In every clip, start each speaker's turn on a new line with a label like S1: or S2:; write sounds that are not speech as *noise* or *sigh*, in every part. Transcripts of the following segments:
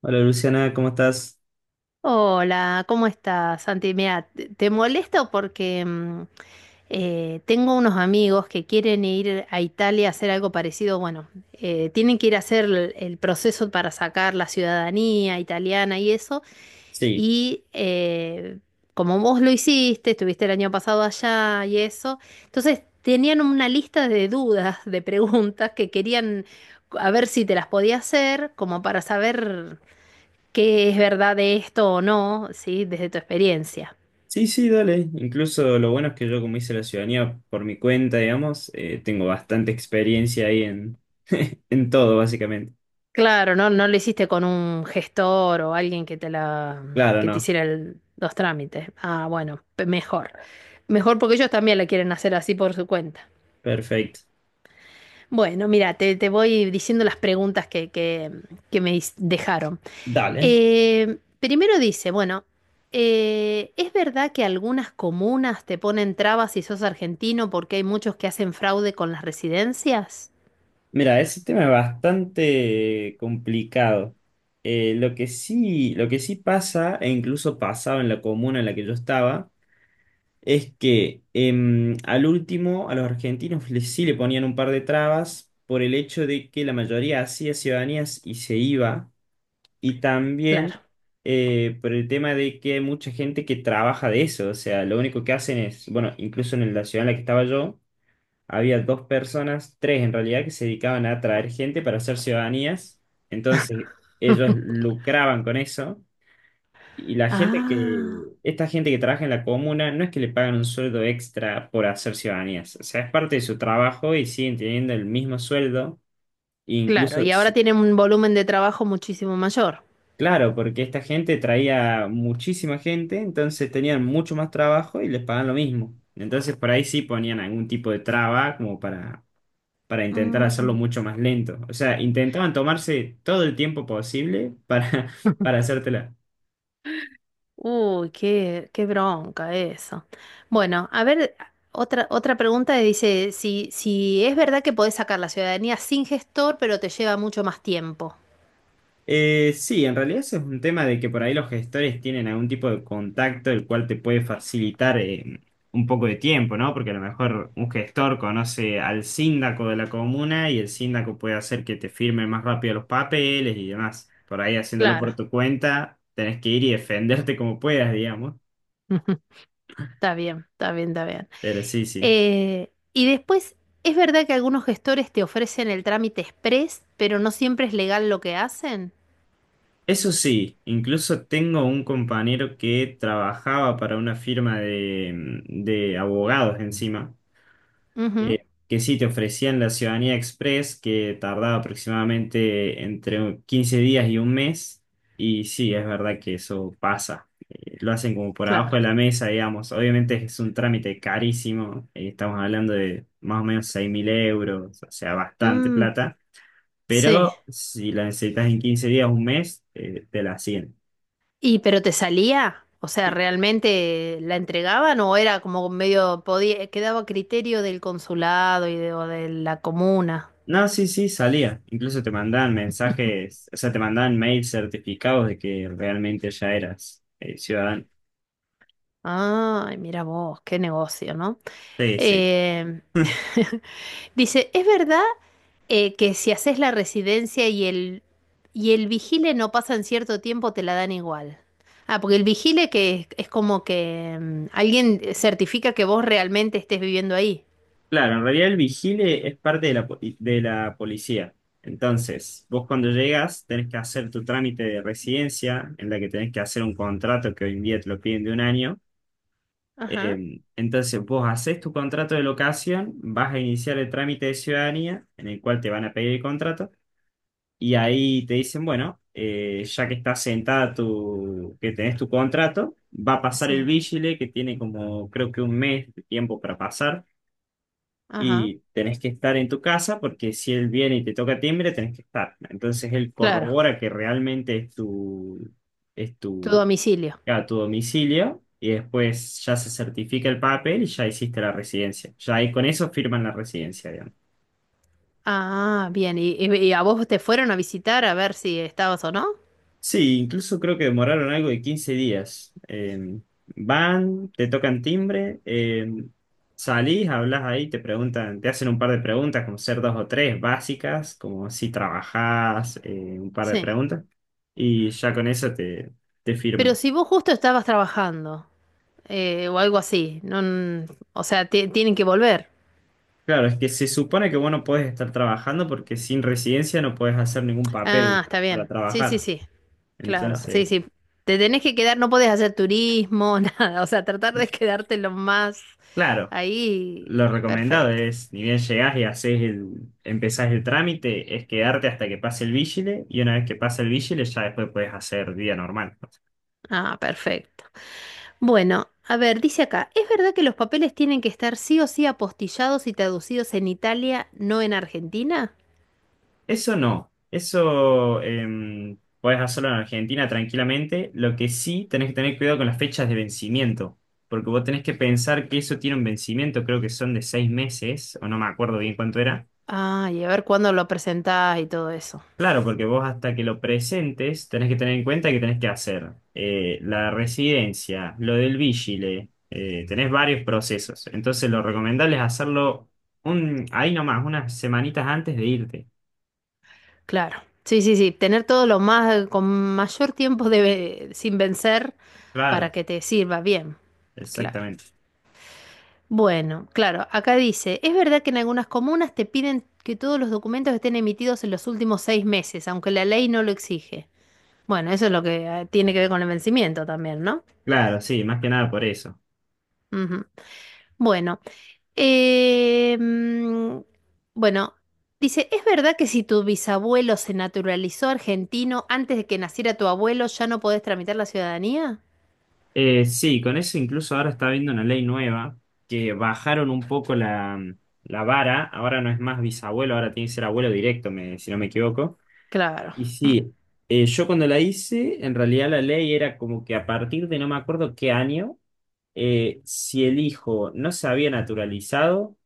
S1: Hola Luciana, ¿cómo estás?
S2: Hola, ¿cómo estás, Santi? Mira, te molesto porque tengo unos amigos que quieren ir a Italia a hacer algo parecido. Bueno, tienen que ir a hacer el proceso para sacar la ciudadanía italiana y eso.
S1: Sí,
S2: Y eh, Como vos lo hiciste, estuviste el año pasado allá y eso, entonces tenían una lista de dudas, de preguntas que querían a ver si te las podía hacer, como para saber qué es verdad de esto o no, ¿sí? Desde tu experiencia.
S1: sí, sí, dale. Incluso lo bueno es que yo como hice la ciudadanía por mi cuenta, digamos, tengo bastante experiencia ahí en, *laughs* en todo, básicamente.
S2: Claro, no, no lo hiciste con un gestor o alguien que te la,
S1: Claro,
S2: que te
S1: no.
S2: hiciera los trámites. Ah, bueno, mejor. Mejor porque ellos también la quieren hacer así por su cuenta.
S1: Perfecto.
S2: Bueno, mira, te voy diciendo las preguntas que dejaron.
S1: Dale.
S2: Primero dice, bueno, ¿es verdad que algunas comunas te ponen trabas si sos argentino porque hay muchos que hacen fraude con las residencias?
S1: Mira, ese tema es bastante complicado. Lo que sí pasa, e incluso pasaba en la comuna en la que yo estaba, es que al último a los argentinos les, sí le ponían un par de trabas por el hecho de que la mayoría hacía ciudadanías y se iba, y también
S2: Claro.
S1: por el tema de que hay mucha gente que trabaja de eso, o sea, lo único que hacen es, bueno, incluso en la ciudad en la que estaba yo, había dos personas, tres en realidad, que se dedicaban a traer gente para hacer ciudadanías, entonces ellos lucraban con eso. Y la gente que,
S2: Ah,
S1: esta gente que trabaja en la comuna, no es que le pagan un sueldo extra por hacer ciudadanías, o sea, es parte de su trabajo y siguen teniendo el mismo sueldo, e
S2: claro,
S1: incluso,
S2: y ahora tienen un volumen de trabajo muchísimo mayor.
S1: claro, porque esta gente traía muchísima gente, entonces tenían mucho más trabajo y les pagan lo mismo. Entonces por ahí sí ponían algún tipo de traba como para intentar hacerlo
S2: Mm.
S1: mucho más lento. O sea, intentaban tomarse todo el tiempo posible para, *laughs* para
S2: *laughs*
S1: hacértela.
S2: Uy, qué, qué bronca eso. Bueno, a ver, otra pregunta dice, si es verdad que podés sacar la ciudadanía sin gestor, pero te lleva mucho más tiempo.
S1: Sí, en realidad ese es un tema de que por ahí los gestores tienen algún tipo de contacto el cual te puede facilitar un poco de tiempo, ¿no? Porque a lo mejor un gestor conoce al síndaco de la comuna y el síndaco puede hacer que te firme más rápido los papeles y demás. Por ahí haciéndolo
S2: Claro.
S1: por tu cuenta, tenés que ir y defenderte como puedas, digamos.
S2: *laughs* Está bien, está bien, está bien.
S1: Pero sí, sí.
S2: Eh, y después, ¿Es verdad que algunos gestores te ofrecen el trámite express, pero no siempre es legal lo que hacen?
S1: Eso sí, incluso tengo un compañero que trabajaba para una firma de abogados encima.
S2: Ujú,
S1: Que sí te ofrecían la ciudadanía express, que tardaba aproximadamente entre 15 días y un mes. Y sí, es verdad que eso pasa. Lo hacen como por abajo de
S2: claro.
S1: la mesa, digamos. Obviamente es un trámite carísimo. Estamos hablando de más o menos 6.000 euros, o sea, bastante
S2: Mm,
S1: plata.
S2: sí.
S1: Pero si la necesitas en 15 días, un mes, te la hacen.
S2: ¿Y pero te salía? O sea, ¿realmente la entregaban o era como medio podía, quedaba a criterio del consulado y de, o de la comuna?
S1: No, sí, sí, salía. Incluso te mandaban mensajes, o sea, te mandaban mails certificados de que realmente ya eras ciudadano.
S2: Ay, mira vos, qué negocio, ¿no?
S1: Sí, sí.
S2: Eh,
S1: *laughs*
S2: *laughs* dice, ¿es verdad que si haces la residencia y el vigile no pasan cierto tiempo, te la dan igual? Ah, porque el vigile que es como que alguien certifica que vos realmente estés viviendo ahí.
S1: Claro, en realidad el vigile es parte de la policía. Entonces, vos cuando llegas tenés que hacer tu trámite de residencia, en la que tenés que hacer un contrato que hoy en día te lo piden de un año.
S2: Ajá,
S1: Entonces, vos haces tu contrato de locación, vas a iniciar el trámite de ciudadanía, en el cual te van a pedir el contrato. Y ahí te dicen, bueno, ya que estás sentada tu, que tenés tu contrato, va a pasar el
S2: sí,
S1: vigile, que tiene como creo que un mes de tiempo para pasar,
S2: ajá.
S1: y tenés que estar en tu casa porque si él viene y te toca timbre, tenés que estar. Entonces él
S2: Claro,
S1: corrobora que realmente es
S2: tu
S1: tu,
S2: domicilio.
S1: a tu domicilio, y después ya se certifica el papel y ya hiciste la residencia. Ya ahí con eso firman la residencia, digamos.
S2: Ah, bien. ¿Y, y a vos te fueron a visitar a ver si estabas o no?
S1: Sí, incluso creo que demoraron algo de 15 días. Van, te tocan timbre, salís, hablas ahí, te preguntan, te hacen un par de preguntas, como ser dos o tres básicas, como si trabajás, un par de
S2: Sí.
S1: preguntas, y ya con eso te
S2: Pero
S1: firman.
S2: si vos justo estabas trabajando o algo así, no, n- o sea, tienen que volver.
S1: Claro, es que se supone que vos no podés estar trabajando porque sin residencia no podés hacer ningún
S2: Ah,
S1: papel
S2: está
S1: para
S2: bien. Sí, sí,
S1: trabajar.
S2: sí. Claro, sí,
S1: Entonces,
S2: sí. Te tenés que quedar, no podés hacer turismo, *laughs* nada. O sea, tratar de quedarte lo más
S1: claro,
S2: ahí.
S1: lo recomendado
S2: Perfecto.
S1: es, ni bien llegás y haces el, empezás el trámite, es quedarte hasta que pase el vigile y una vez que pasa el vigile ya después puedes hacer día normal.
S2: Ah, perfecto. Bueno, a ver, dice acá, ¿es verdad que los papeles tienen que estar sí o sí apostillados y traducidos en Italia, no en Argentina?
S1: Eso no, eso puedes podés hacerlo en Argentina tranquilamente, lo que sí tenés que tener cuidado con las fechas de vencimiento, porque vos tenés que pensar que eso tiene un vencimiento, creo que son de 6 meses, o no me acuerdo bien cuánto era.
S2: Ah, y a ver cuándo lo presentás y todo eso.
S1: Claro, porque vos hasta que lo presentes tenés que tener en cuenta que tenés que hacer la residencia, lo del vigile, tenés varios procesos. Entonces lo recomendable es hacerlo un, ahí nomás, unas semanitas antes de irte.
S2: Claro. Sí, sí, sí, tener todo lo más, con mayor tiempo de, sin vencer
S1: Claro,
S2: para que te sirva bien. Claro.
S1: exactamente.
S2: Bueno, claro, acá dice, ¿es verdad que en algunas comunas te piden que todos los documentos estén emitidos en los últimos seis meses, aunque la ley no lo exige? Bueno, eso es lo que tiene que ver con el vencimiento también, ¿no?
S1: Claro, sí, más que nada por eso.
S2: Ujú. Bueno, eh, mm, bueno, dice, ¿es verdad que si tu bisabuelo se naturalizó argentino antes de que naciera tu abuelo, ya no podés tramitar la ciudadanía?
S1: Sí, con eso incluso ahora está habiendo una ley nueva que bajaron un poco la, la vara, ahora no es más bisabuelo, ahora tiene que ser abuelo directo, me- si no me equivoco.
S2: Claro.
S1: Y
S2: Mm,
S1: sí, yo cuando la hice, en realidad la ley era como que a partir de no me acuerdo qué año, si el hijo no se había naturalizado,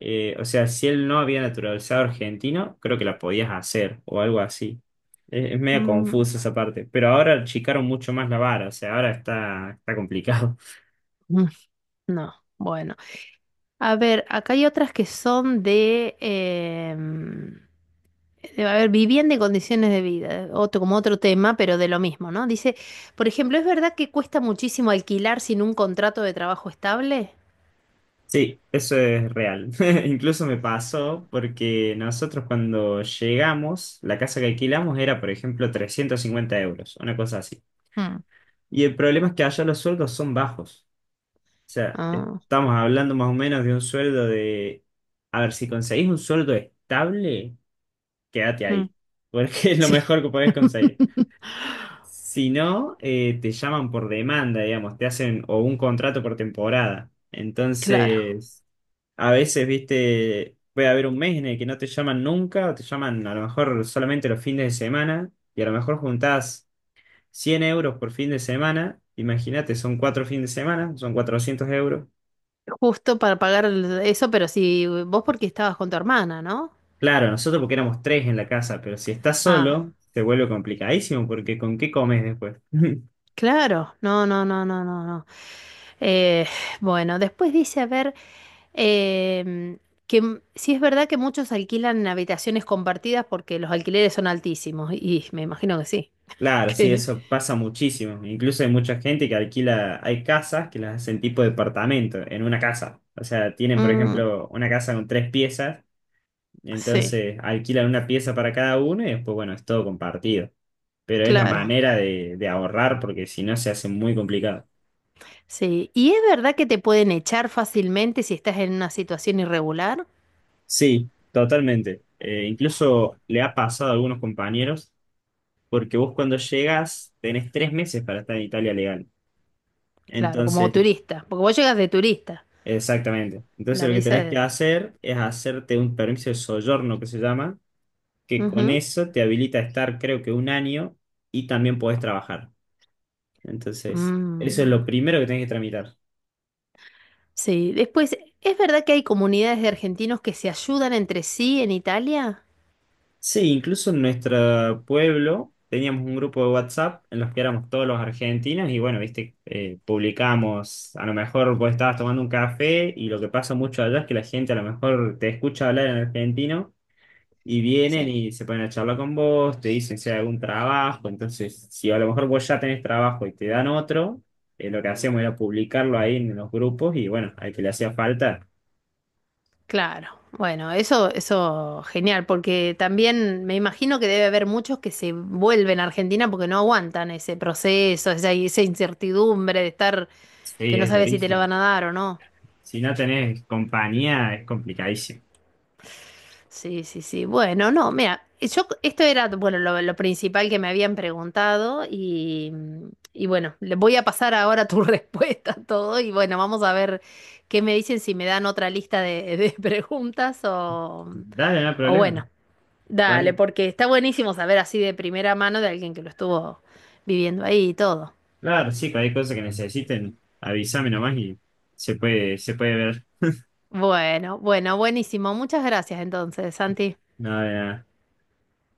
S1: o sea, si él no había naturalizado argentino, creo que la podías hacer o algo así. Es medio confuso
S2: mm,
S1: esa parte, pero ahora achicaron mucho más la vara, o sea, ahora está, está complicado. *laughs*
S2: mm, no, bueno. A ver, acá hay otras que son de, a ver, vivienda y condiciones de vida, otro, como otro tema, pero de lo mismo, ¿no? Dice, por ejemplo, ¿es verdad que cuesta muchísimo alquilar sin un contrato de trabajo estable?
S1: Sí, eso es real. *laughs* Incluso me pasó porque nosotros cuando llegamos, la casa que alquilamos era, por ejemplo, 350 euros, una cosa así.
S2: Mm.
S1: Y el problema es que allá los sueldos son bajos. O sea,
S2: Ah,
S1: estamos hablando más o menos de un sueldo de... A ver, si conseguís un sueldo estable, quédate
S2: mm.
S1: ahí, porque *laughs* es lo
S2: Sí,
S1: mejor que podés conseguir.
S2: *laughs*
S1: Si no, te llaman por demanda, digamos, te hacen o un contrato por temporada.
S2: claro.
S1: Entonces, a veces, viste, puede haber un mes en el que no te llaman nunca, o te llaman a lo mejor solamente los fines de semana, y a lo mejor juntás 100 euros por fin de semana, imagínate, son 4 fines de semana, son 400 euros.
S2: Justo para pagar eso, pero si vos porque estabas con tu hermana, ¿no?
S1: Claro, nosotros porque éramos tres en la casa, pero si estás
S2: Ah,
S1: solo, te vuelve complicadísimo porque ¿con qué comes después? *laughs*
S2: claro. No, no, no, no, no, no. Eh, bueno, después dice, a ver, em, sí es verdad que muchos alquilan habitaciones compartidas porque los alquileres son altísimos, y me imagino que sí. *laughs*
S1: Claro, sí,
S2: Que,
S1: eso pasa muchísimo. Incluso hay mucha gente que alquila, hay casas que las hacen tipo departamento en una casa. O sea, tienen, por
S2: mm,
S1: ejemplo, una casa con tres piezas,
S2: sí,
S1: entonces alquilan una pieza para cada uno y después, bueno, es todo compartido. Pero es la
S2: claro.
S1: manera de ahorrar porque si no se hace muy complicado.
S2: Sí. ¿Y es verdad que te pueden echar fácilmente si estás en una situación irregular?
S1: Sí, totalmente. Incluso le ha pasado a algunos compañeros, porque vos cuando llegas tenés 3 meses para estar en Italia legal.
S2: Claro, como
S1: Entonces,
S2: turista, porque vos llegas de turista.
S1: exactamente. Entonces
S2: La
S1: lo que
S2: visa
S1: tenés que
S2: es.
S1: hacer es hacerte un permiso de soggiorno que se llama, que con
S2: Ujú.
S1: eso te habilita a estar creo que un año y también podés trabajar. Entonces, eso es
S2: Mm,
S1: lo primero que tenés que tramitar.
S2: sí, después, ¿es verdad que hay comunidades de argentinos que se ayudan entre sí en Italia?
S1: Sí, incluso en nuestro pueblo teníamos un grupo de WhatsApp en los que éramos todos los argentinos y bueno, viste, publicamos, a lo mejor vos estabas tomando un café y lo que pasa mucho allá es que la gente a lo mejor te escucha hablar en argentino y vienen
S2: Sí,
S1: y se ponen a charlar con vos, te dicen si hay algún trabajo, entonces si a lo mejor vos ya tenés trabajo y te dan otro, lo que hacíamos era publicarlo ahí en los grupos y bueno, al que le hacía falta,
S2: claro. Bueno, eso genial, porque también me imagino que debe haber muchos que se vuelven a Argentina porque no aguantan ese proceso, esa incertidumbre de estar que
S1: sí,
S2: no
S1: es
S2: sabes si te lo
S1: durísimo.
S2: van a dar o no.
S1: Si no tenés compañía, es complicadísimo.
S2: Sí, sí, sí. Bueno, no, mira, yo esto era, bueno, lo principal que me habían preguntado y bueno, le voy a pasar ahora tu *laughs* respuesta a todo y bueno, vamos a ver qué me dicen si me dan otra lista de *laughs* preguntas
S1: Dale, no hay
S2: o
S1: problema.
S2: bueno, dale,
S1: Cual-
S2: porque está buenísimo saber así de primera mano de alguien que lo estuvo viviendo ahí y todo.
S1: claro, sí, cualquier cosa que necesiten, avísame nomás y se puede ver.
S2: Bueno, bueno, buenísimo. Muchas gracias entonces, Santi.
S1: Nada,